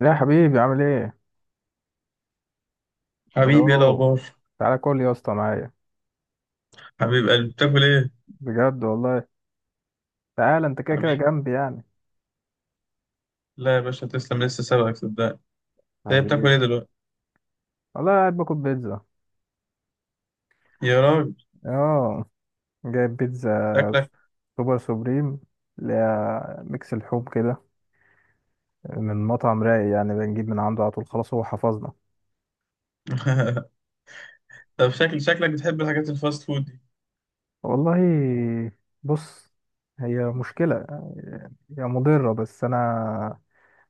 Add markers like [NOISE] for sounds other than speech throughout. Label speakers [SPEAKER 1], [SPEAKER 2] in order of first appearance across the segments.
[SPEAKER 1] لا يا حبيبي، عامل ايه؟
[SPEAKER 2] حبيبي، ايه
[SPEAKER 1] الو.
[SPEAKER 2] الاخبار؟
[SPEAKER 1] تعالى كل يا اسطى معايا،
[SPEAKER 2] حبيب قلبي، بتاكل ايه؟
[SPEAKER 1] بجد والله. تعالى انت كده كده
[SPEAKER 2] حبيبي،
[SPEAKER 1] جنبي يعني.
[SPEAKER 2] لا يا باشا تسلم، لسه سابقك صدقني. ده بتاكل
[SPEAKER 1] حبيبي،
[SPEAKER 2] ايه دلوقتي؟
[SPEAKER 1] والله قاعد باكل بيتزا.
[SPEAKER 2] يا راجل
[SPEAKER 1] اه جايب بيتزا
[SPEAKER 2] شكلك.
[SPEAKER 1] سوبر سوبريم، اللي هي ميكس اللحوم كده، من مطعم رايق، يعني بنجيب من عنده على طول، خلاص هو حفظنا.
[SPEAKER 2] [LAUGHS] طب شكل شكلك بتحب الحاجات الفاست فود دي؟
[SPEAKER 1] والله بص، هي مشكلة، هي مضرة، بس أنا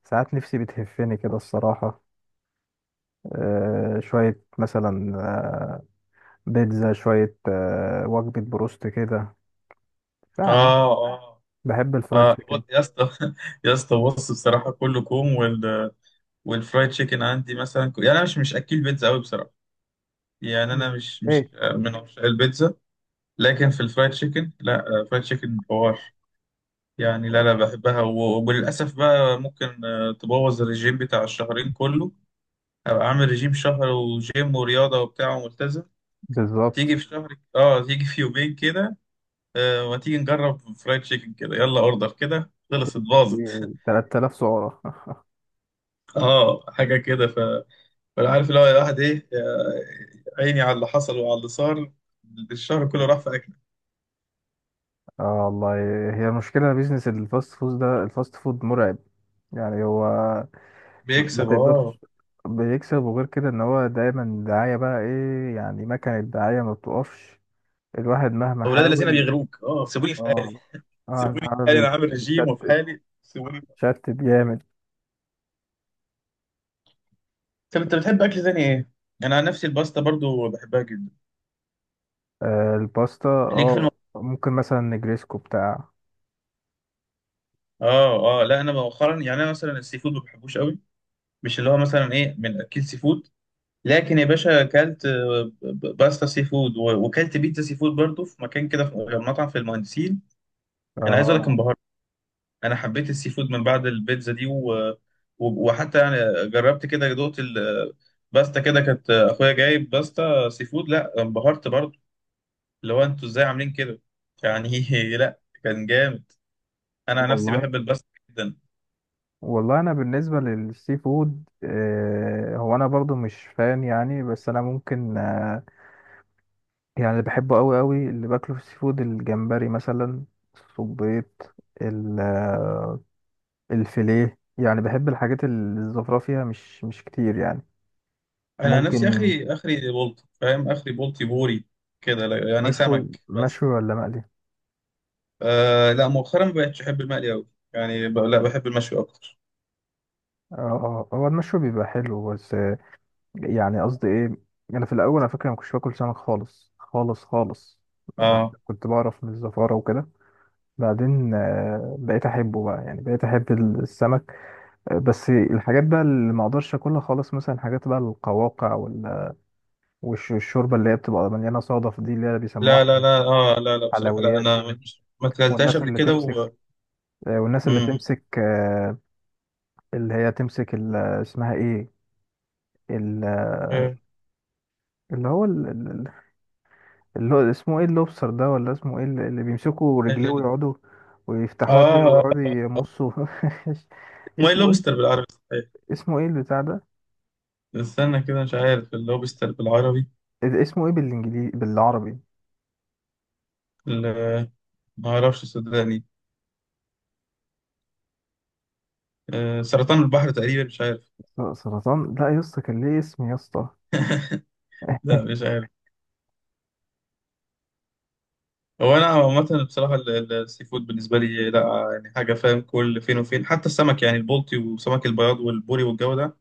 [SPEAKER 1] ساعات نفسي بتهفني كده الصراحة. شوية مثلا، بيتزا، شوية وجبة بروست كده يعني.
[SPEAKER 2] اه اه
[SPEAKER 1] بحب الفرايد
[SPEAKER 2] اه،
[SPEAKER 1] تشيكن.
[SPEAKER 2] يا اسطى. [LAUGHS] يا اسطى بص بصراحه كله كوم والفرايد تشيكن عندي مثلا، يعني انا مش اكل بيتزا قوي بصراحه. يعني انا
[SPEAKER 1] مم.
[SPEAKER 2] مش
[SPEAKER 1] ايه
[SPEAKER 2] من عشاق البيتزا، لكن في الفرايد تشيكن لا، فرايد تشيكن حوار. يعني لا بحبها، وللاسف بقى ممكن تبوظ الرجيم بتاع الشهرين كله. ابقى عامل رجيم شهر وجيم ورياضه وبتاع وملتزم،
[SPEAKER 1] بالظبط.
[SPEAKER 2] تيجي في شهر اه، تيجي في يومين كده آه، ما تيجي نجرب فرايد تشيكن كده، يلا اوردر كده، خلصت باظت.
[SPEAKER 1] 3,000 سعرة [LAUGHS]
[SPEAKER 2] [LAUGHS] اه حاجه كده فانا عارف اللي هو الواحد ايه. عيني على اللي حصل وعلى اللي صار، الشهر كله راح في اكل.
[SPEAKER 1] اه والله، هي مشكلة بيزنس الفاست فود ده، الفاست فود مرعب يعني. هو ما
[SPEAKER 2] بيكسب
[SPEAKER 1] تقدرش،
[SPEAKER 2] اه.
[SPEAKER 1] بيكسب، وغير كده ان هو دايما دعاية، بقى ايه يعني، مكنة دعاية ما بتقفش، الواحد مهما
[SPEAKER 2] اولاد الذين
[SPEAKER 1] حاول.
[SPEAKER 2] بيغروك، اه سيبوني في حالي،
[SPEAKER 1] اه اه،
[SPEAKER 2] سيبوني في حالي،
[SPEAKER 1] العربي
[SPEAKER 2] انا عامل رجيم وفي
[SPEAKER 1] بيتشتت،
[SPEAKER 2] حالي، سيبوني في حالي.
[SPEAKER 1] بيتشتت جامد.
[SPEAKER 2] طب انت بتحب اكل تاني ايه؟ انا عن نفسي الباستا برضو بحبها جدا.
[SPEAKER 1] آه الباستا،
[SPEAKER 2] ليك في.
[SPEAKER 1] اه ممكن مثلا نجريسكو بتاع.
[SPEAKER 2] اه اه، لا انا مؤخرا يعني انا مثلا السي فود ما بحبوش قوي، مش اللي هو مثلا ايه من اكل سي فود. لكن يا باشا اكلت باستا سي فود وكلت بيتزا سي فود برضه في مكان كده، في مطعم في المهندسين. انا عايز اقول لك
[SPEAKER 1] اه
[SPEAKER 2] انبهرت. انا حبيت السي فود من بعد البيتزا دي وحتى يعني جربت كده، دقت الباستا كده، كانت اخويا جايب باستا سي فود، لا انبهرت برضه. اللي هو انتوا ازاي عاملين كده يعني؟ [LAUGHS] لا كان جامد. انا عن نفسي
[SPEAKER 1] والله.
[SPEAKER 2] بحب الباستا جدا.
[SPEAKER 1] والله انا بالنسبه للسي فود، هو انا برضو مش فان يعني، بس انا ممكن، يعني اللي بحبه قوي قوي، اللي باكله في السي فود الجمبري مثلا، الصبيط، ال- آه، الفيليه، يعني بحب الحاجات اللي الزفره فيها مش مش كتير يعني.
[SPEAKER 2] انا عن نفسي
[SPEAKER 1] ممكن.
[SPEAKER 2] اخري بولت، فاهم؟ اخري بولتي بوري كده، يعني
[SPEAKER 1] مشوي
[SPEAKER 2] سمك بس.
[SPEAKER 1] مشوي ولا مقلي؟
[SPEAKER 2] آه لا مؤخرا ما بقتش احب المقلي قوي. يعني لا بحب المشوي اكتر.
[SPEAKER 1] اه، هو المشوي بيبقى حلو بس، يعني قصدي ايه، انا في الاول على فكره ما كنتش باكل سمك خالص خالص خالص، ما
[SPEAKER 2] اه.
[SPEAKER 1] كنت بعرف من الزفاره وكده. بعدين بقيت احبه بقى، يعني بقيت احب السمك. بس الحاجات بقى اللي ما اقدرش اكلها خالص، مثلا حاجات بقى القواقع، والشوربه اللي هي بتبقى مليانه صدف دي، اللي هي بيسموها
[SPEAKER 2] لا، اه لا، بصراحه لا
[SPEAKER 1] حلويات
[SPEAKER 2] انا
[SPEAKER 1] دي.
[SPEAKER 2] ما اكلتهاش
[SPEAKER 1] والناس
[SPEAKER 2] قبل
[SPEAKER 1] اللي
[SPEAKER 2] كده و.
[SPEAKER 1] تمسك، والناس اللي
[SPEAKER 2] مم.
[SPEAKER 1] تمسك، اللي هي تمسك اسمها ايه، ال-
[SPEAKER 2] إيه.
[SPEAKER 1] اللي هو، اللي هو اسمه ايه، اللوبستر ده ولا اسمه ايه، اللي اللي بيمسكوا
[SPEAKER 2] ال-
[SPEAKER 1] رجليه
[SPEAKER 2] ال-
[SPEAKER 1] ويقعدوا ويفتحوها كده
[SPEAKER 2] اه.
[SPEAKER 1] ويقعدوا يمصوا [LAUGHS]
[SPEAKER 2] ماي
[SPEAKER 1] اسمه
[SPEAKER 2] لوبستر
[SPEAKER 1] ايه؟
[SPEAKER 2] بالعربي صحيح؟
[SPEAKER 1] اسمه ايه البتاع ده؟
[SPEAKER 2] استنى كده، مش عارف اللوبستر بالعربي.
[SPEAKER 1] اسمه ايه بالانجليزي بالعربي؟
[SPEAKER 2] ال- ما اعرفش صدقني. آه سرطان البحر تقريبا، مش عارف.
[SPEAKER 1] سرطان؟ لا يا اسطى، كان ليه اسم يا اسطى.
[SPEAKER 2] لا مش عارف. هو انا عامه بصراحه السي فود بالنسبه لي لا يعني حاجه، فاهم؟ كل فين وفين، حتى السمك يعني البلطي وسمك البياض والبوري والجو ده،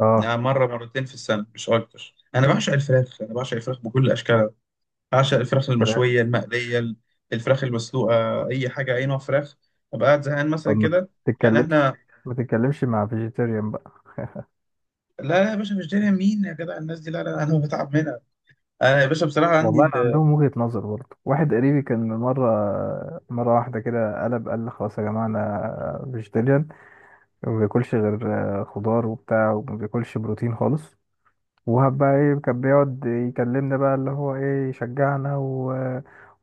[SPEAKER 1] اه
[SPEAKER 2] يعني مره مرتين في السنه مش اكتر. انا بعشق الفراخ، انا بعشق الفراخ بكل اشكالها. بعشق الفراخ
[SPEAKER 1] فراخ.
[SPEAKER 2] المشويه المقليه الفراخ المسلوقه، اي حاجه اي نوع فراخ. ابقى قاعد زهقان مثلا
[SPEAKER 1] طب ما
[SPEAKER 2] كده، يعني
[SPEAKER 1] تتكلمش،
[SPEAKER 2] احنا.
[SPEAKER 1] ما تتكلمش مع فيجيتيريان بقى [LAUGHS]
[SPEAKER 2] لا يا باشا مش داري مين يا جدع الناس دي، لا، انا بتعب منها. انا يا باشا بصراحه عندي
[SPEAKER 1] والله عندهم وجهة نظر برضه، واحد قريبي كان مرة واحدة كده قلب قال لي خلاص يا جماعة أنا فيجيتيريان، وما بياكلش غير خضار وبتاع، وما بياكلش بروتين خالص، وهب بقى ايه كان بيقعد يكلمنا بقى، اللي هو ايه، يشجعنا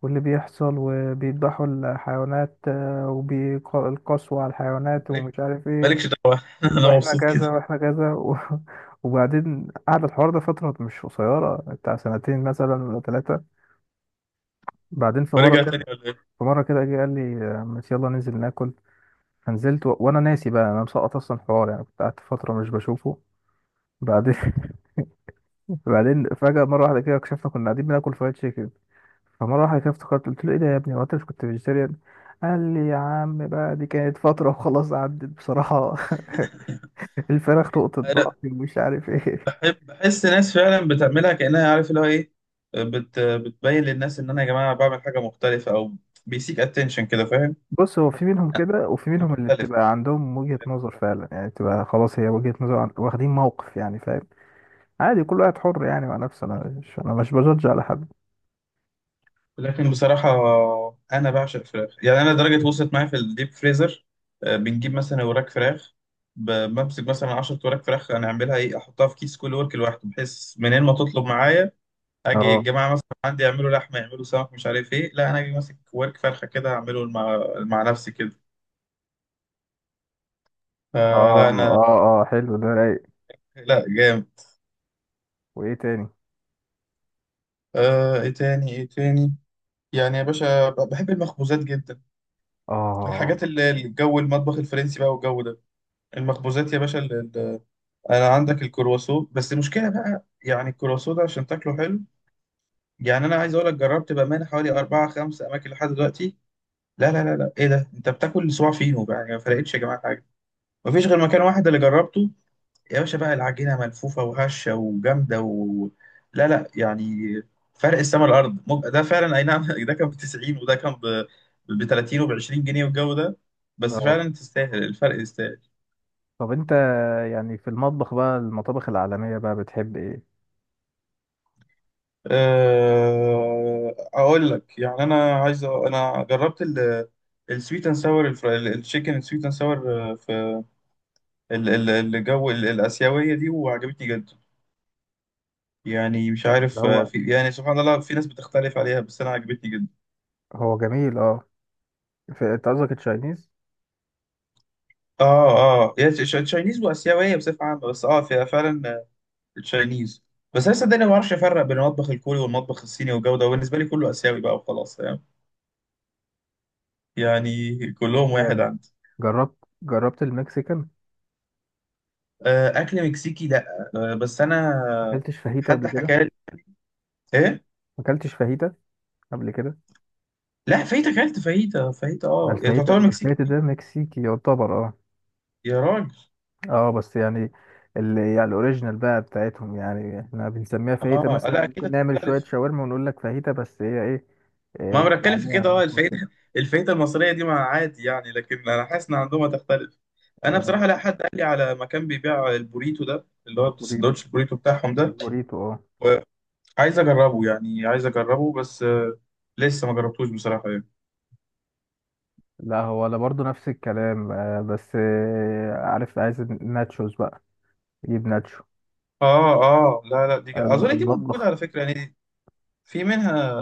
[SPEAKER 1] واللي بيحصل وبيذبحوا الحيوانات، وبالقسوة على الحيوانات،
[SPEAKER 2] مالك-
[SPEAKER 1] ومش عارف
[SPEAKER 2] مالكش
[SPEAKER 1] ايه،
[SPEAKER 2] دعوه. [LAUGHS] انا
[SPEAKER 1] واحنا
[SPEAKER 2] مبسوط
[SPEAKER 1] كذا
[SPEAKER 2] كده.
[SPEAKER 1] واحنا كذا [LAUGHS] وبعدين قعد الحوار ده فترة مش قصيرة، بتاع سنتين مثلا ولا ثلاثة. بعدين في مرة
[SPEAKER 2] ورجع
[SPEAKER 1] كده،
[SPEAKER 2] تاني ولا
[SPEAKER 1] في مرة كده جه قال لي، ماشي يلا ننزل ناكل. فنزلت وانا ناسي بقى، انا مسقط اصلا الحوار يعني، كنت قعدت فترة مش بشوفه. بعدين [LAUGHS] بعدين فجأة مرة واحدة كده، اكتشفنا كنا قاعدين بناكل فرايد تشيكن. فمرة واحدة كده افتكرت قلت له، ايه ده يا ابني، هو انت مش كنت فيجيتيريان؟ قال لي يا عم بقى، دي كانت فترة وخلاص عدت بصراحة [LAUGHS] الفراخ نقطة ضعف،
[SPEAKER 2] ايه؟
[SPEAKER 1] ومش عارف ايه.
[SPEAKER 2] بحب بحس ناس فعلا بتعملها كأنها عارف اللي هو ايه، بتبين للناس ان انا يا جماعه بعمل حاجه مختلفه، او بيسيك اتنشن كده، فاهم؟
[SPEAKER 1] بص، هو في منهم كده، وفي منهم اللي
[SPEAKER 2] مختلف.
[SPEAKER 1] بتبقى عندهم وجهة نظر فعلا، يعني بتبقى خلاص هي وجهة نظر، واخدين موقف يعني، فاهم. عادي كل واحد حر يعني مع نفسه، انا مش بجدج على حد.
[SPEAKER 2] لكن بصراحه، انا بعشق فراخ. يعني انا درجه وصلت معايا في الديب فريزر، بنجيب مثلا وراك فراخ، بمسك مثلا 10 وراك فراخ، انا اعملها ايه، احطها في كيس كل ورك لوحده، بحيث منين ما تطلب معايا. اجي
[SPEAKER 1] اه
[SPEAKER 2] الجماعه مثلا عندي يعملوا لحمه يعملوا سمك مش عارف ايه، لا انا اجي ماسك ورك فرخه كده اعمله مع نفسي كده.
[SPEAKER 1] اه
[SPEAKER 2] فلا انا.
[SPEAKER 1] اه اه، حلو ده رايق.
[SPEAKER 2] لا جامد.
[SPEAKER 1] وايه تاني؟
[SPEAKER 2] ايه تاني؟ يعني يا باشا بحب المخبوزات جدا.
[SPEAKER 1] اه
[SPEAKER 2] الحاجات اللي الجو المطبخ الفرنسي بقى والجو ده، المخبوزات يا باشا انا عندك الكرواسون. بس المشكله بقى يعني الكرواسون ده عشان تاكله حلو، يعني انا عايز اقول لك جربت بامانه حوالي اربعة خمسة اماكن لحد دلوقتي. لا، ايه ده، انت بتاكل صباع فينو بقى يعني، ما فرقتش يا جماعه حاجه. مفيش غير مكان واحد اللي جربته يا باشا بقى، العجينة ملفوفة وهشة وجامدة لا، يعني فرق السما الأرض ده فعلا أي نعم. [LAUGHS] ده كان ب 90 وده كان ب 30 وب 20 جنيه والجو ده، بس
[SPEAKER 1] اه.
[SPEAKER 2] فعلا تستاهل، الفرق يستاهل.
[SPEAKER 1] طب انت يعني في المطبخ بقى، المطابخ العالمية بقى، بتحب ايه؟
[SPEAKER 2] أقول لك يعني، أنا عايز أنا جربت السويت اند ساور، التشيكن سويت اند ساور، في ال- ال- الجو الآسيوية دي، وعجبتني جدا. يعني مش
[SPEAKER 1] اللي
[SPEAKER 2] عارف،
[SPEAKER 1] هو،
[SPEAKER 2] في يعني سبحان الله في ناس بتختلف عليها، بس أنا عجبتني جدا.
[SPEAKER 1] هو جميل اه. انت قصدك التشاينيز؟
[SPEAKER 2] اه اه. يعني تشاينيز واسيويه بصفه عامه، بس اه فيها فعلا آه، تشاينيز. بس انا صدقني ما بعرفش افرق بين المطبخ الكوري والمطبخ الصيني والجوده، وبالنسبه لي كله اسيوي بقى وخلاص، فاهم؟ يعني كلهم واحد
[SPEAKER 1] جامد.
[SPEAKER 2] عندي.
[SPEAKER 1] جربت، المكسيكان؟ ما
[SPEAKER 2] آه اكل مكسيكي لا، آه بس انا
[SPEAKER 1] اكلتش فاهيتا قبل
[SPEAKER 2] حد
[SPEAKER 1] كده؟
[SPEAKER 2] حكى لي. ايه.
[SPEAKER 1] ما اكلتش فاهيتا قبل كده؟
[SPEAKER 2] لا فايته، اكلت فايته، فايته
[SPEAKER 1] ما
[SPEAKER 2] اه يعني
[SPEAKER 1] الفاهيتا،
[SPEAKER 2] تعتبر مكسيكي.
[SPEAKER 1] ده مكسيكي يعتبر اه.
[SPEAKER 2] يا راجل.
[SPEAKER 1] اه بس يعني، اللي يعني الاوريجينال بقى بتاعتهم، يعني احنا بنسميها
[SPEAKER 2] اه
[SPEAKER 1] فاهيتا
[SPEAKER 2] لا
[SPEAKER 1] مثلا،
[SPEAKER 2] اكيد
[SPEAKER 1] ممكن نعمل شوية
[SPEAKER 2] هتختلف.
[SPEAKER 1] شاورما ونقول لك فاهيتا، بس هي ايه، إيه،
[SPEAKER 2] ما انا
[SPEAKER 1] بيبقى
[SPEAKER 2] بتكلم في
[SPEAKER 1] عليها
[SPEAKER 2] كده، اه
[SPEAKER 1] بصوص كده.
[SPEAKER 2] الفايده. [LAUGHS] الفايده المصريه دي ما عادي يعني، لكن انا حاسس ان عندهم هتختلف. انا
[SPEAKER 1] آه،
[SPEAKER 2] بصراحه، لا حد قال لي على مكان بيبيع البوريتو ده، اللي هو
[SPEAKER 1] البوريتو،
[SPEAKER 2] السندوتش البوريتو بتاعهم ده،
[SPEAKER 1] اه.
[SPEAKER 2] وعايز اجربه، يعني عايز اجربه بس آه، لسه ما جربتوش بصراحه يعني.
[SPEAKER 1] لا هو انا برضو نفس الكلام، بس عارف، عايز الناتشوز بقى، يجيب ناتشو.
[SPEAKER 2] اه اه، لا لا دي اظن دي موجوده
[SPEAKER 1] المطبخ،
[SPEAKER 2] على فكره يعني، في منها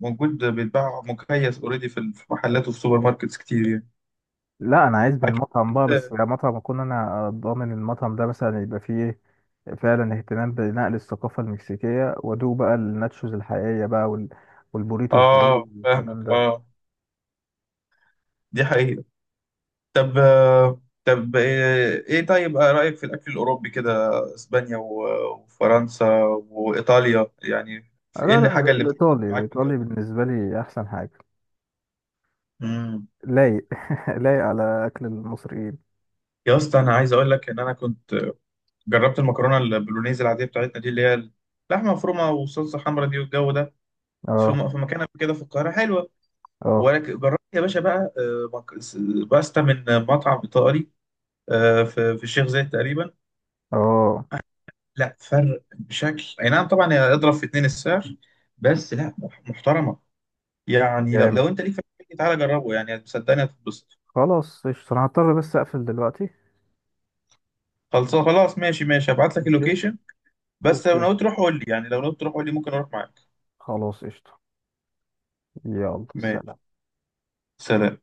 [SPEAKER 2] موجود بيتباع مكيس اوريدي في في محلات وفي سوبر ماركتس كتير يعني.
[SPEAKER 1] لا انا عايز من
[SPEAKER 2] اكيد.
[SPEAKER 1] مطعم بقى، بس يعني مطعم اكون انا ضامن المطعم ده مثلا، يبقى فيه ايه فعلا اهتمام بنقل الثقافه المكسيكيه، وادوق بقى الناتشوز الحقيقيه بقى
[SPEAKER 2] اه
[SPEAKER 1] والبوريتو الحقيقي
[SPEAKER 2] آه،
[SPEAKER 1] والكلام
[SPEAKER 2] فاهمك
[SPEAKER 1] ده.
[SPEAKER 2] اه، دي حقيقه. طب آه، طب آه، ايه طيب آه، رأيك في الأكل الأوروبي كده، اسبانيا وفرنسا وإيطاليا، يعني
[SPEAKER 1] لا
[SPEAKER 2] في ايه اللي
[SPEAKER 1] لا،
[SPEAKER 2] حاجة اللي بتعلق
[SPEAKER 1] الايطالي،
[SPEAKER 2] معاك من الجو
[SPEAKER 1] الايطالي
[SPEAKER 2] ده؟
[SPEAKER 1] بالنسبه لي احسن حاجه.
[SPEAKER 2] امم.
[SPEAKER 1] لايق [LAUGHS] لايق على اكل المصريين.
[SPEAKER 2] يا اسطى انا عايز اقول لك ان انا كنت جربت المكرونة البولونيز العادية بتاعتنا دي اللي هي اللحمة مفرومة وصلصة حمرا دي والجو ده،
[SPEAKER 1] اه
[SPEAKER 2] في مكان قبل كده في القاهرة حلوة.
[SPEAKER 1] اه
[SPEAKER 2] ولكن جربت يا باشا بقى آه، باستا من مطعم إيطالي آه، في في الشيخ زايد تقريبا،
[SPEAKER 1] اه،
[SPEAKER 2] لا فرق بشكل اي نعم. طبعا هي اضرب في اتنين السعر، بس لا محترمه يعني. لو
[SPEAKER 1] جامد.
[SPEAKER 2] لو انت ليك في الحاجات دي تعالى جربه، يعني صدقني هتتبسط.
[SPEAKER 1] خلاص قشطه، انا هضطر بس اقفل دلوقتي.
[SPEAKER 2] خلاص، ماشي ماشي، هبعت لك
[SPEAKER 1] ماشي.
[SPEAKER 2] اللوكيشن. بس لو
[SPEAKER 1] اوكي،
[SPEAKER 2] ناوي تروح قول لي، يعني لو ناوي تروح قول لي، ممكن اروح معاك.
[SPEAKER 1] خلاص قشطه. يلا
[SPEAKER 2] ماشي.
[SPEAKER 1] سلام.
[SPEAKER 2] سلام.